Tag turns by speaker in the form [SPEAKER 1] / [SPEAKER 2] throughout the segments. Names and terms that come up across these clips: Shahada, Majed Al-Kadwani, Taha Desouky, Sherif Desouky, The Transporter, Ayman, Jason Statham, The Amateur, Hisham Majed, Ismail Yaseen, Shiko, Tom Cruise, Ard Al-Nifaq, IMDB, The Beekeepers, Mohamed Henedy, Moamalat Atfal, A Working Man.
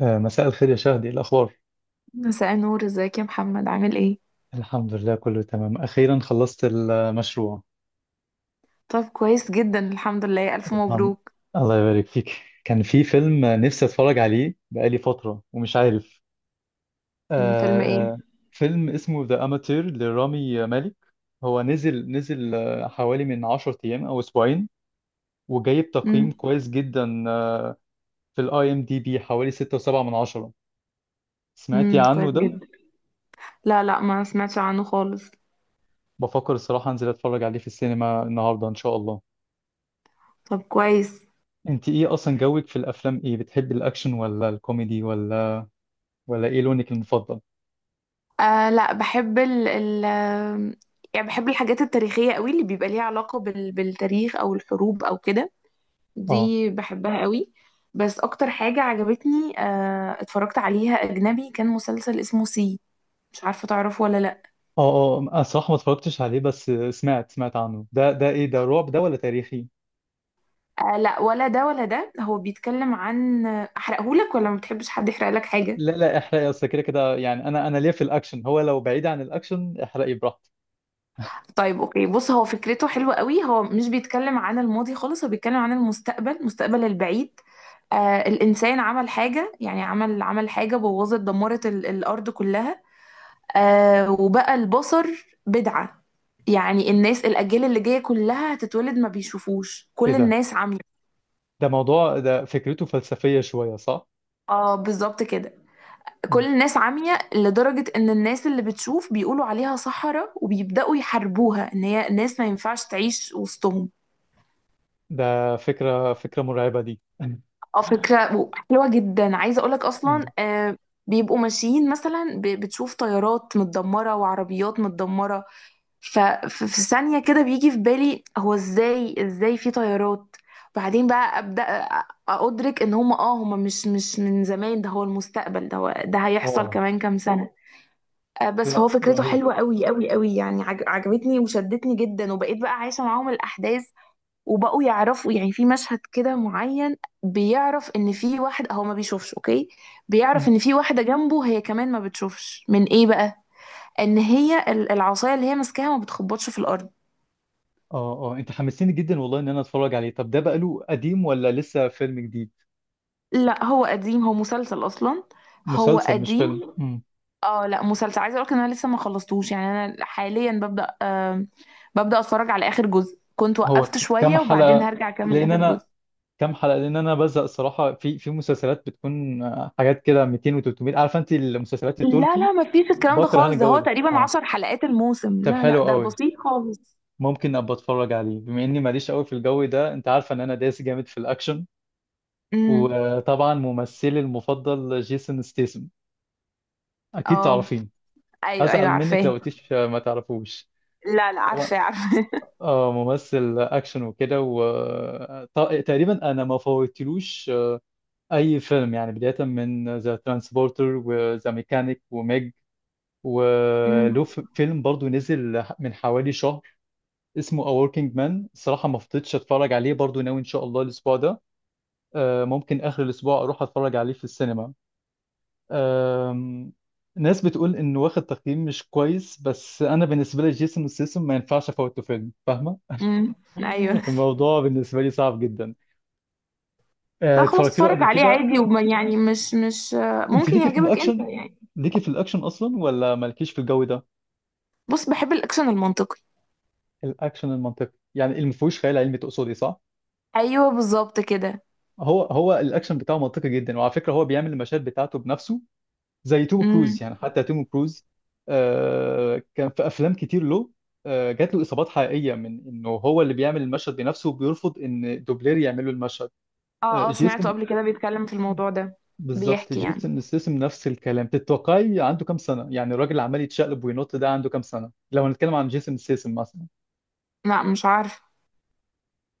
[SPEAKER 1] مساء الخير يا شهدي، إيه الأخبار؟
[SPEAKER 2] مساء النور، ازيك يا محمد؟ عامل ايه؟
[SPEAKER 1] الحمد لله، كله تمام. أخيرا خلصت المشروع.
[SPEAKER 2] طب كويس جدا، الحمد لله، الف
[SPEAKER 1] الحمد
[SPEAKER 2] مبروك.
[SPEAKER 1] الله يبارك فيك. كان في فيلم نفسي أتفرج عليه بقالي فترة ومش عارف.
[SPEAKER 2] فيلم
[SPEAKER 1] آه، آه،
[SPEAKER 2] ايه؟
[SPEAKER 1] فيلم اسمه ذا أماتير لرامي مالك. هو نزل حوالي من 10 أيام أو أسبوعين، وجايب
[SPEAKER 2] امم.
[SPEAKER 1] تقييم كويس جدا. في الاي ام دي بي حوالي 6.7 من 10. سمعتي عنه
[SPEAKER 2] كويس
[SPEAKER 1] ده؟
[SPEAKER 2] جدا. لا، لا، ما سمعتش عنه خالص.
[SPEAKER 1] بفكر الصراحة أنزل أتفرج عليه في السينما النهاردة إن شاء الله.
[SPEAKER 2] طب كويس.
[SPEAKER 1] انت ايه اصلا جوك في الافلام؟ ايه بتحبي، الاكشن ولا الكوميدي ولا ايه لونك المفضل؟
[SPEAKER 2] لا، بحب ال ال آم، يعني بحب الحاجات التاريخية قوي، اللي بيبقى ليها علاقة بالتاريخ او الحروب او كده.
[SPEAKER 1] اه
[SPEAKER 2] دي بحبها قوي. بس اكتر حاجة عجبتني اتفرجت عليها اجنبي كان مسلسل اسمه سي. مش عارفة تعرفه ولا لا؟
[SPEAKER 1] اه اه، انا صراحه ما اتفرجتش عليه. بس سمعت عنه. ده ايه ده؟ رعب ده ولا تاريخي؟
[SPEAKER 2] لا، ولا ده ولا ده، هو بيتكلم عن، احرقهولك ولا ما بتحبش حد يحرق لك حاجة؟
[SPEAKER 1] لا لا، احرقي. اصل كده كده يعني، انا ليا في الاكشن. هو لو بعيد عن الاكشن احرقي براحتك.
[SPEAKER 2] طيب اوكي، بص، هو فكرته حلوة قوي، هو مش بيتكلم عن الماضي خالص، هو بيتكلم عن المستقبل، المستقبل البعيد. الانسان عمل حاجة، يعني عمل حاجة بوظت دمرت الارض كلها. وبقى البصر بدعة. يعني الناس، الاجيال اللي جاية كلها هتتولد ما بيشوفوش،
[SPEAKER 1] ايه
[SPEAKER 2] كل الناس عمي.
[SPEAKER 1] ده موضوع، ده فكرته فلسفيه شويه، صح؟
[SPEAKER 2] اه، بالظبط كده. كل
[SPEAKER 1] مم.
[SPEAKER 2] الناس عمية لدرجة إن الناس اللي بتشوف بيقولوا عليها سحرة وبيبدأوا يحاربوها، إن هي ناس ما ينفعش تعيش وسطهم.
[SPEAKER 1] ده فكره مرعبه دي.
[SPEAKER 2] اه، فكرة حلوة جدا. عايزة أقولك أصلا،
[SPEAKER 1] مم.
[SPEAKER 2] بيبقوا ماشيين مثلا، بتشوف طيارات متدمرة وعربيات متدمرة. ففي ثانية كده بيجي في بالي هو إزاي في طيارات. بعدين بقى أبدأ أدرك إن هم مش من زمان، ده هو المستقبل، ده هيحصل
[SPEAKER 1] واو.
[SPEAKER 2] كمان كام سنة. بس فهو
[SPEAKER 1] لا
[SPEAKER 2] فكرته
[SPEAKER 1] رهيب.
[SPEAKER 2] حلوة قوي قوي قوي، يعني عجبتني وشدتني جدا، وبقيت بقى عايشة معاهم الأحداث. وبقوا يعرفوا، يعني في مشهد كده معين، بيعرف إن في واحد هو ما بيشوفش، أوكي. بيعرف
[SPEAKER 1] مم.
[SPEAKER 2] إن في واحدة جنبه هي كمان ما بتشوفش، من إيه بقى؟ إن هي العصاية اللي هي ماسكاها ما بتخبطش في الأرض.
[SPEAKER 1] اه اه، انت حمسيني جدا والله ان انا اتفرج عليه. طب ده بقاله قديم ولا لسه فيلم جديد؟
[SPEAKER 2] لا، هو قديم، هو مسلسل أصلا. هو
[SPEAKER 1] مسلسل مش فيلم.
[SPEAKER 2] قديم.
[SPEAKER 1] مم.
[SPEAKER 2] اه، لا مسلسل. عايزه اقولك ان انا لسه ما خلصتوش، يعني انا حاليا ببدا، ببدا اتفرج على اخر جزء، كنت
[SPEAKER 1] هو
[SPEAKER 2] وقفت
[SPEAKER 1] كام
[SPEAKER 2] شويه وبعدين
[SPEAKER 1] حلقة؟
[SPEAKER 2] هرجع اكمل
[SPEAKER 1] لأن
[SPEAKER 2] اخر جزء.
[SPEAKER 1] أنا لأن أنا بزهق الصراحة، في مسلسلات بتكون حاجات كده 200 و300. عارفة أنت المسلسلات
[SPEAKER 2] لا،
[SPEAKER 1] التركي؟
[SPEAKER 2] لا، ما فيش الكلام ده
[SPEAKER 1] بكره أنا
[SPEAKER 2] خالص، ده
[SPEAKER 1] الجو
[SPEAKER 2] هو
[SPEAKER 1] ده،
[SPEAKER 2] تقريبا
[SPEAKER 1] أه.
[SPEAKER 2] عشر حلقات الموسم،
[SPEAKER 1] طب
[SPEAKER 2] لا، لا،
[SPEAKER 1] حلو
[SPEAKER 2] ده
[SPEAKER 1] قوي.
[SPEAKER 2] بسيط خالص.
[SPEAKER 1] ممكن أبقى أتفرج عليه بما إني ماليش قوي في الجو ده. أنت عارفة إن أنا دايس جامد في الأكشن.
[SPEAKER 2] امم.
[SPEAKER 1] وطبعا ممثلي المفضل جيسون ستيسم. أكيد
[SPEAKER 2] اه،
[SPEAKER 1] تعرفين.
[SPEAKER 2] ايوه، ايوه،
[SPEAKER 1] أزعل منك
[SPEAKER 2] عارفاه.
[SPEAKER 1] لو قلتيش ما تعرفوش.
[SPEAKER 2] لا، لا،
[SPEAKER 1] طبعا.
[SPEAKER 2] عارفاه، عارفاه.
[SPEAKER 1] اه، ممثل اكشن وكده. تقريبا انا ما فوتلوش اي فيلم يعني. بدايه من ذا ترانسبورتر وذا ميكانيك وميج.
[SPEAKER 2] امم.
[SPEAKER 1] وله فيلم برضو نزل من حوالي شهر اسمه A Working Man. الصراحه ما فضيتش اتفرج عليه، برضو ناوي ان شاء الله الاسبوع ده، ممكن اخر الاسبوع، اروح اتفرج عليه في السينما. آم، ناس بتقول انه واخد تقييم مش كويس، بس انا بالنسبه لي جيسون ستاثام ما ينفعش افوته فيلم. فاهمه؟
[SPEAKER 2] امم، ايوه.
[SPEAKER 1] الموضوع بالنسبه لي صعب جدا.
[SPEAKER 2] لا خلاص،
[SPEAKER 1] اتفرجت له
[SPEAKER 2] اتفرج
[SPEAKER 1] قبل
[SPEAKER 2] عليه
[SPEAKER 1] كده.
[SPEAKER 2] عادي، وما يعني مش
[SPEAKER 1] انت
[SPEAKER 2] ممكن
[SPEAKER 1] ليكي في
[SPEAKER 2] يعجبك انت
[SPEAKER 1] الاكشن
[SPEAKER 2] يعني.
[SPEAKER 1] ليكي في الاكشن اصلا، ولا مالكيش في الجو ده؟
[SPEAKER 2] بص، بحب الاكشن المنطقي.
[SPEAKER 1] الاكشن المنطقي يعني اللي ما فيهوش خيال علمي، تقصدي صح؟
[SPEAKER 2] ايوه، بالظبط كده.
[SPEAKER 1] هو الاكشن بتاعه منطقي جدا، وعلى فكره هو بيعمل المشاهد بتاعته بنفسه. زي توم كروز، يعني حتى توم كروز كان في افلام كتير له. جات له اصابات حقيقيه من انه هو اللي بيعمل المشهد بنفسه وبيرفض ان دوبلير يعمل له المشهد.
[SPEAKER 2] اه، اه، سمعته
[SPEAKER 1] جيسون،
[SPEAKER 2] قبل كده بيتكلم في الموضوع ده.
[SPEAKER 1] بالظبط،
[SPEAKER 2] بيحكي يعني،
[SPEAKER 1] جيسون ستاثام نفس الكلام. تتوقعي عنده كام سنه؟ يعني الراجل عمال يتشقلب وينط. ده عنده كام سنه لو هنتكلم عن جيسون ستاثام مثلا؟
[SPEAKER 2] لا مش عارف.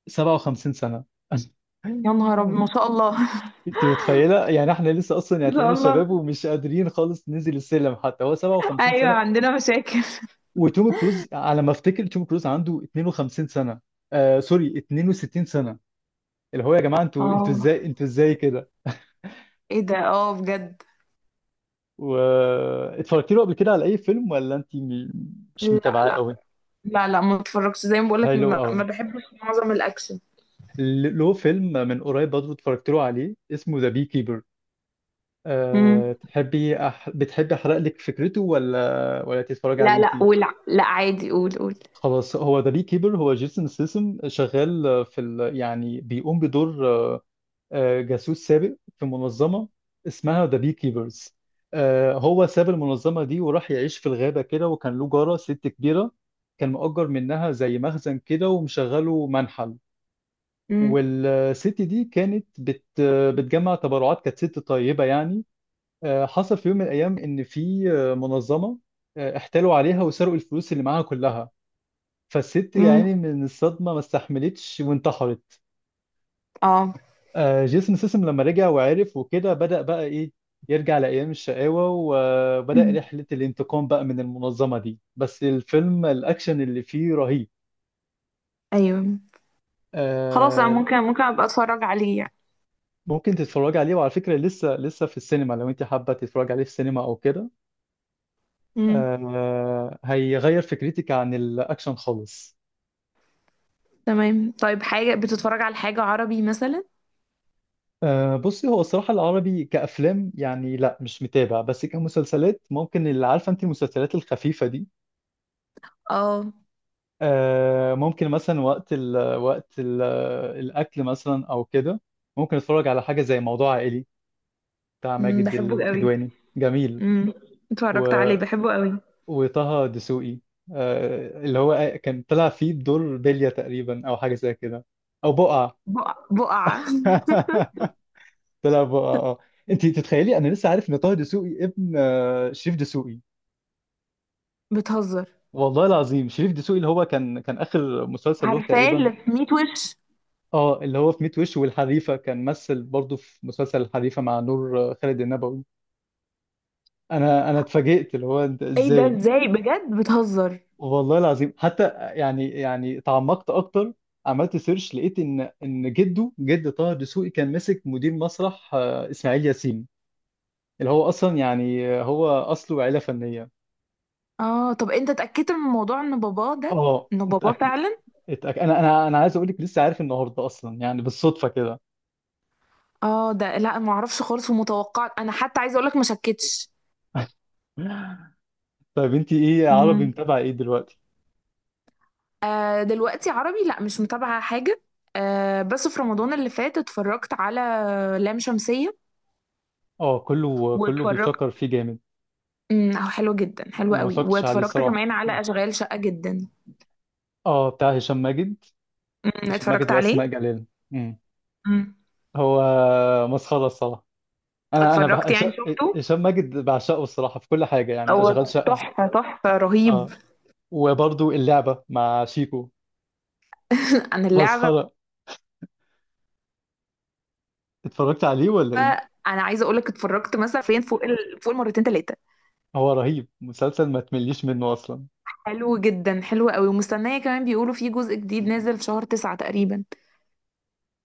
[SPEAKER 1] 57 سنة.
[SPEAKER 2] يا نهار ابيض، ما شاء الله.
[SPEAKER 1] انت متخيلة؟ يعني احنا لسه اصلا، يعني
[SPEAKER 2] ما شاء
[SPEAKER 1] هتلاقينا
[SPEAKER 2] الله.
[SPEAKER 1] شباب ومش قادرين خالص ننزل السلم، حتى هو 57
[SPEAKER 2] ايوه،
[SPEAKER 1] سنة.
[SPEAKER 2] عندنا مشاكل.
[SPEAKER 1] وتوم كروز على ما افتكر توم كروز عنده 52 سنة. سوري، 62 سنة. اللي هو يا جماعة، انتوا انتوا
[SPEAKER 2] اه،
[SPEAKER 1] ازاي، انتوا ازاي كده.
[SPEAKER 2] ايه ده؟ اه، بجد.
[SPEAKER 1] و اتفرجتي له قبل كده على اي فيلم، ولا انت مش
[SPEAKER 2] لا،
[SPEAKER 1] متابعاه
[SPEAKER 2] لا،
[SPEAKER 1] قوي؟
[SPEAKER 2] لا، لا، ما اتفرجش، زي ما بقولك،
[SPEAKER 1] هاي لو
[SPEAKER 2] ما
[SPEAKER 1] قوي.
[SPEAKER 2] بحبش معظم الاكشن.
[SPEAKER 1] له فيلم من قريب برضه اتفرجت له عليه اسمه ذا بي كيبر. أه
[SPEAKER 2] امم.
[SPEAKER 1] تحبي بتحبي احرق لك فكرته، ولا تتفرجي عليه
[SPEAKER 2] لا،
[SPEAKER 1] انت؟
[SPEAKER 2] لا، ولا، لا، عادي، قول، قول.
[SPEAKER 1] خلاص. هو ذا بي كيبر، هو جيسون سيسم شغال يعني بيقوم بدور جاسوس سابق في منظمة اسمها ذا بي كيبرز. هو ساب المنظمة دي وراح يعيش في الغابة كده، وكان له جارة ست كبيرة، كان مؤجر منها زي مخزن كده، ومشغله منحل.
[SPEAKER 2] امم.
[SPEAKER 1] والست دي كانت بتجمع تبرعات، كانت ست طيبة يعني. حصل في يوم من الأيام إن في منظمة احتالوا عليها وسرقوا الفلوس اللي معاها كلها. فالست
[SPEAKER 2] امم.
[SPEAKER 1] يعني من الصدمة ما استحملتش وانتحرت.
[SPEAKER 2] اه.
[SPEAKER 1] جيسون سيسم لما رجع وعرف وكده، بدأ بقى إيه، يرجع لأيام الشقاوة. وبدأ
[SPEAKER 2] مم.
[SPEAKER 1] رحلة الانتقام بقى من المنظمة دي. بس الفيلم الأكشن اللي فيه رهيب.
[SPEAKER 2] ايوه. خلاص، انا
[SPEAKER 1] آه،
[SPEAKER 2] ممكن ابقى اتفرج عليه يعني.
[SPEAKER 1] ممكن تتفرج عليه. وعلى فكرة لسه في السينما لو أنت حابة تتفرج عليه في السينما أو كده.
[SPEAKER 2] امم.
[SPEAKER 1] هيغير فكرتك عن الأكشن خالص.
[SPEAKER 2] تمام. طيب، حاجة بتتفرج على حاجة عربي مثلا؟
[SPEAKER 1] أه بصي، هو الصراحة العربي كأفلام، يعني لا، مش متابع. بس كمسلسلات ممكن. اللي عارفة انت المسلسلات الخفيفة دي،
[SPEAKER 2] اه،
[SPEAKER 1] أه ممكن مثلا وقت الأكل مثلا أو كده، ممكن أتفرج على حاجة زي موضوع عائلي بتاع ماجد
[SPEAKER 2] بحبه قوي.
[SPEAKER 1] الكدواني، جميل.
[SPEAKER 2] امم
[SPEAKER 1] و...
[SPEAKER 2] اتفرجت عليه، بحبه قوي.
[SPEAKER 1] وطه دسوقي، أه اللي هو كان طلع فيه بدور بلية تقريبا، أو حاجة زي كده، أو بقعة.
[SPEAKER 2] بقعة.
[SPEAKER 1] طلع بقعة، اه. انت تتخيلي انا لسه عارف ان طه دسوقي ابن شريف دسوقي؟
[SPEAKER 2] بتهزر؟
[SPEAKER 1] والله العظيم. شريف دسوقي اللي هو كان اخر مسلسل له
[SPEAKER 2] عارفاه،
[SPEAKER 1] تقريبا،
[SPEAKER 2] اللي في 100 وش.
[SPEAKER 1] اه اللي هو في ميت وش والحريفه. كان مثل برضه في مسلسل الحريفه مع نور خالد النبوي. انا اتفاجئت، اللي هو انت
[SPEAKER 2] ايه ده؟
[SPEAKER 1] ازاي.
[SPEAKER 2] ازاي؟ بجد؟ بتهزر.
[SPEAKER 1] والله العظيم حتى، يعني تعمقت اكتر، عملت سيرش. لقيت ان جد طه دسوقي كان ماسك مدير مسرح اسماعيل ياسين. اللي هو اصلا يعني هو اصله عيله فنيه.
[SPEAKER 2] اه، طب انت اتأكدت من الموضوع ان باباه ده،
[SPEAKER 1] اه،
[SPEAKER 2] انه باباه
[SPEAKER 1] متاكد.
[SPEAKER 2] فعلا؟
[SPEAKER 1] اتاكد، انا عايز اقول لك، لسه عارف النهارده اصلا يعني، بالصدفه كده.
[SPEAKER 2] اه، ده لا، ما اعرفش خالص، ومتوقع انا، حتى عايزه اقول لك ما شكتش.
[SPEAKER 1] طيب انت ايه عربي
[SPEAKER 2] امم
[SPEAKER 1] متابعه ايه دلوقتي؟
[SPEAKER 2] دلوقتي عربي لا، مش متابعة حاجة. بس في رمضان اللي فات اتفرجت على لام شمسية.
[SPEAKER 1] اه، كله كله
[SPEAKER 2] واتفرجت،
[SPEAKER 1] بيشكر فيه جامد.
[SPEAKER 2] حلو جدا، حلو
[SPEAKER 1] انا ما
[SPEAKER 2] قوي.
[SPEAKER 1] اتفرجتش عليه
[SPEAKER 2] واتفرجت
[SPEAKER 1] الصراحه.
[SPEAKER 2] كمان على اشغال شقة جدا.
[SPEAKER 1] اه، بتاع هشام ماجد. هشام ماجد
[SPEAKER 2] اتفرجت
[SPEAKER 1] واسماء
[SPEAKER 2] عليه.
[SPEAKER 1] جلال. امم
[SPEAKER 2] مم.
[SPEAKER 1] هو مسخره الصراحه. انا انا بح...
[SPEAKER 2] اتفرجت،
[SPEAKER 1] هش-
[SPEAKER 2] يعني شفته.
[SPEAKER 1] هشام ماجد بعشقه الصراحه في كل حاجه يعني. اشغال
[SPEAKER 2] هو
[SPEAKER 1] شقه،
[SPEAKER 2] تحفة، تحفة، رهيب.
[SPEAKER 1] اه. وبرضو اللعبه مع شيكو،
[SPEAKER 2] عن اللعبة،
[SPEAKER 1] مسخره. اتفرجت عليه ولا ايه؟
[SPEAKER 2] انا عايزة اقولك اتفرجت مثلا فين، فوق المرتين تلاتة.
[SPEAKER 1] هو رهيب مسلسل ما تمليش منه اصلا.
[SPEAKER 2] حلو جدا، حلو قوي، ومستنية كمان، بيقولوا في جزء جديد نازل في شهر تسعة تقريبا.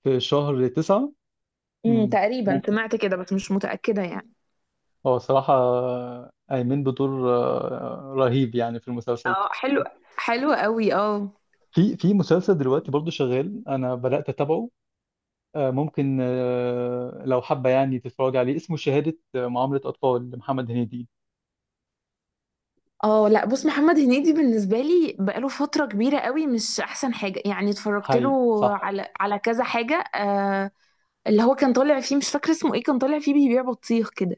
[SPEAKER 1] في شهر 9. امم
[SPEAKER 2] تقريبا سمعت كده، بس مش متأكدة يعني.
[SPEAKER 1] هو صراحة أيمن بدور رهيب يعني في المسلسل.
[SPEAKER 2] اه، حلو، حلو قوي، اه.
[SPEAKER 1] في مسلسل دلوقتي برضو شغال أنا بدأت أتابعه. ممكن لو حابة يعني تتفرج عليه، اسمه شهادة معاملة أطفال لمحمد هنيدي.
[SPEAKER 2] اه، لا بص، محمد هنيدي بالنسبة لي بقاله فترة كبيرة قوي مش احسن حاجة، يعني اتفرجت له
[SPEAKER 1] هاي صح.
[SPEAKER 2] على كذا حاجة. اللي هو كان طالع فيه، مش فاكرة اسمه ايه، كان طالع فيه بيبيع بطيخ كده،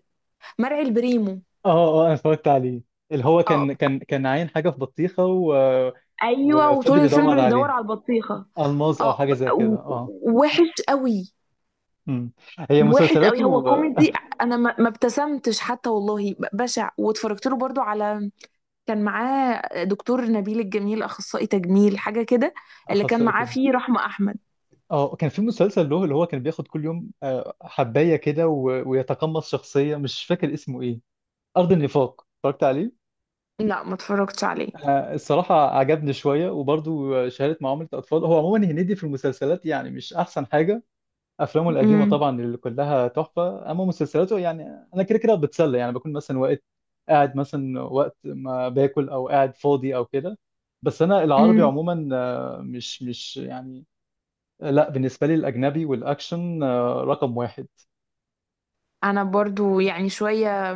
[SPEAKER 2] مرعي البريمو.
[SPEAKER 1] اه اه، أنا اتفرجت عليه. اللي هو كان
[SPEAKER 2] اه،
[SPEAKER 1] كان كان عاين حاجة في بطيخة
[SPEAKER 2] ايوه، وطول
[SPEAKER 1] وفضل
[SPEAKER 2] الفيلم
[SPEAKER 1] يدور
[SPEAKER 2] بيدور
[SPEAKER 1] عليها.
[SPEAKER 2] على البطيخه.
[SPEAKER 1] ألماظ أو
[SPEAKER 2] اه،
[SPEAKER 1] حاجة زي كده، اه.
[SPEAKER 2] وحش قوي،
[SPEAKER 1] أمم. هي
[SPEAKER 2] وحش
[SPEAKER 1] مسلسلاته
[SPEAKER 2] قوي. هو كوميدي، انا ما ابتسمتش حتى والله، بشع. واتفرجت له برضو على، كان معاه دكتور نبيل الجميل، اخصائي تجميل حاجه كده، اللي كان معاه
[SPEAKER 1] أخصائية.
[SPEAKER 2] فيه رحمه احمد.
[SPEAKER 1] اه كان في مسلسل له اللي هو كان بياخد كل يوم حباية كده ويتقمص شخصية، مش فاكر اسمه ايه. أرض النفاق، اتفرجت عليه.
[SPEAKER 2] لا، ما اتفرجتش عليه.
[SPEAKER 1] الصراحة عجبني شوية. وبرضه شهادة معاملة أطفال، هو عموما هنيدي في المسلسلات يعني مش أحسن حاجة. أفلامه القديمة طبعا اللي كلها تحفة، أما مسلسلاته يعني أنا كده كده بتسلى يعني، بكون مثلا وقت قاعد مثلا وقت ما باكل أو قاعد فاضي أو كده. بس أنا العربي
[SPEAKER 2] امم
[SPEAKER 1] عموما مش يعني. لا بالنسبة لي الأجنبي والأكشن رقم واحد.
[SPEAKER 2] انا برضو يعني شويه،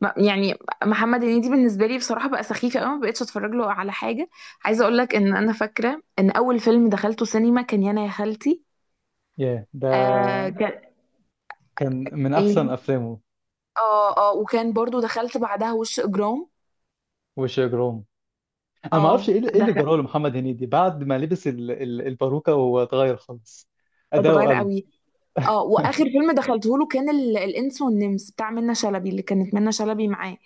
[SPEAKER 2] يعني محمد هنيدي بالنسبه لي بصراحه بقى سخيف قوي، ما بقتش اتفرج له على حاجه. عايزه اقول لك ان انا فاكره ان اول فيلم دخلته سينما كان يانا يا خالتي.
[SPEAKER 1] ياه، ده
[SPEAKER 2] كان.
[SPEAKER 1] كان من أحسن
[SPEAKER 2] ايه،
[SPEAKER 1] أفلامه.
[SPEAKER 2] اه، اه، وكان برضو دخلت بعدها وش اجرام.
[SPEAKER 1] وش إجرام. أنا ما أعرفش
[SPEAKER 2] اه،
[SPEAKER 1] إيه اللي
[SPEAKER 2] دخل،
[SPEAKER 1] جراه لمحمد هنيدي بعد ما لبس الباروكة، وهو اتغير خالص. أداؤه
[SPEAKER 2] اتغير
[SPEAKER 1] قل.
[SPEAKER 2] قوي. اه، واخر فيلم دخلته له كان الانس والنمس بتاع منة شلبي، اللي كانت منة شلبي معاه.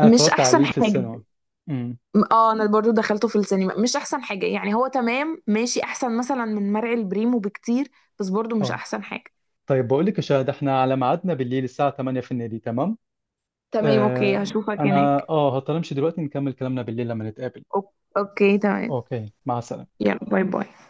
[SPEAKER 1] أنا
[SPEAKER 2] مش
[SPEAKER 1] اتفرجت
[SPEAKER 2] احسن
[SPEAKER 1] عليه في
[SPEAKER 2] حاجه.
[SPEAKER 1] السينما. امم
[SPEAKER 2] اه، انا برضو دخلته في السينما، مش احسن حاجة يعني، هو تمام، ماشي احسن مثلا من مرعي البريمو بكتير، بس برضو مش
[SPEAKER 1] أه
[SPEAKER 2] احسن حاجة.
[SPEAKER 1] طيب بقول لك يا شهد، إحنا على ميعادنا بالليل الساعة 8 في النادي، تمام؟
[SPEAKER 2] تمام، اوكي،
[SPEAKER 1] آه
[SPEAKER 2] هشوفك هناك.
[SPEAKER 1] أنا هضطر أمشي دلوقتي، نكمل كلامنا بالليل لما نتقابل.
[SPEAKER 2] اوكي، تمام.
[SPEAKER 1] أوكي مع السلامة.
[SPEAKER 2] يلا، باي، باي.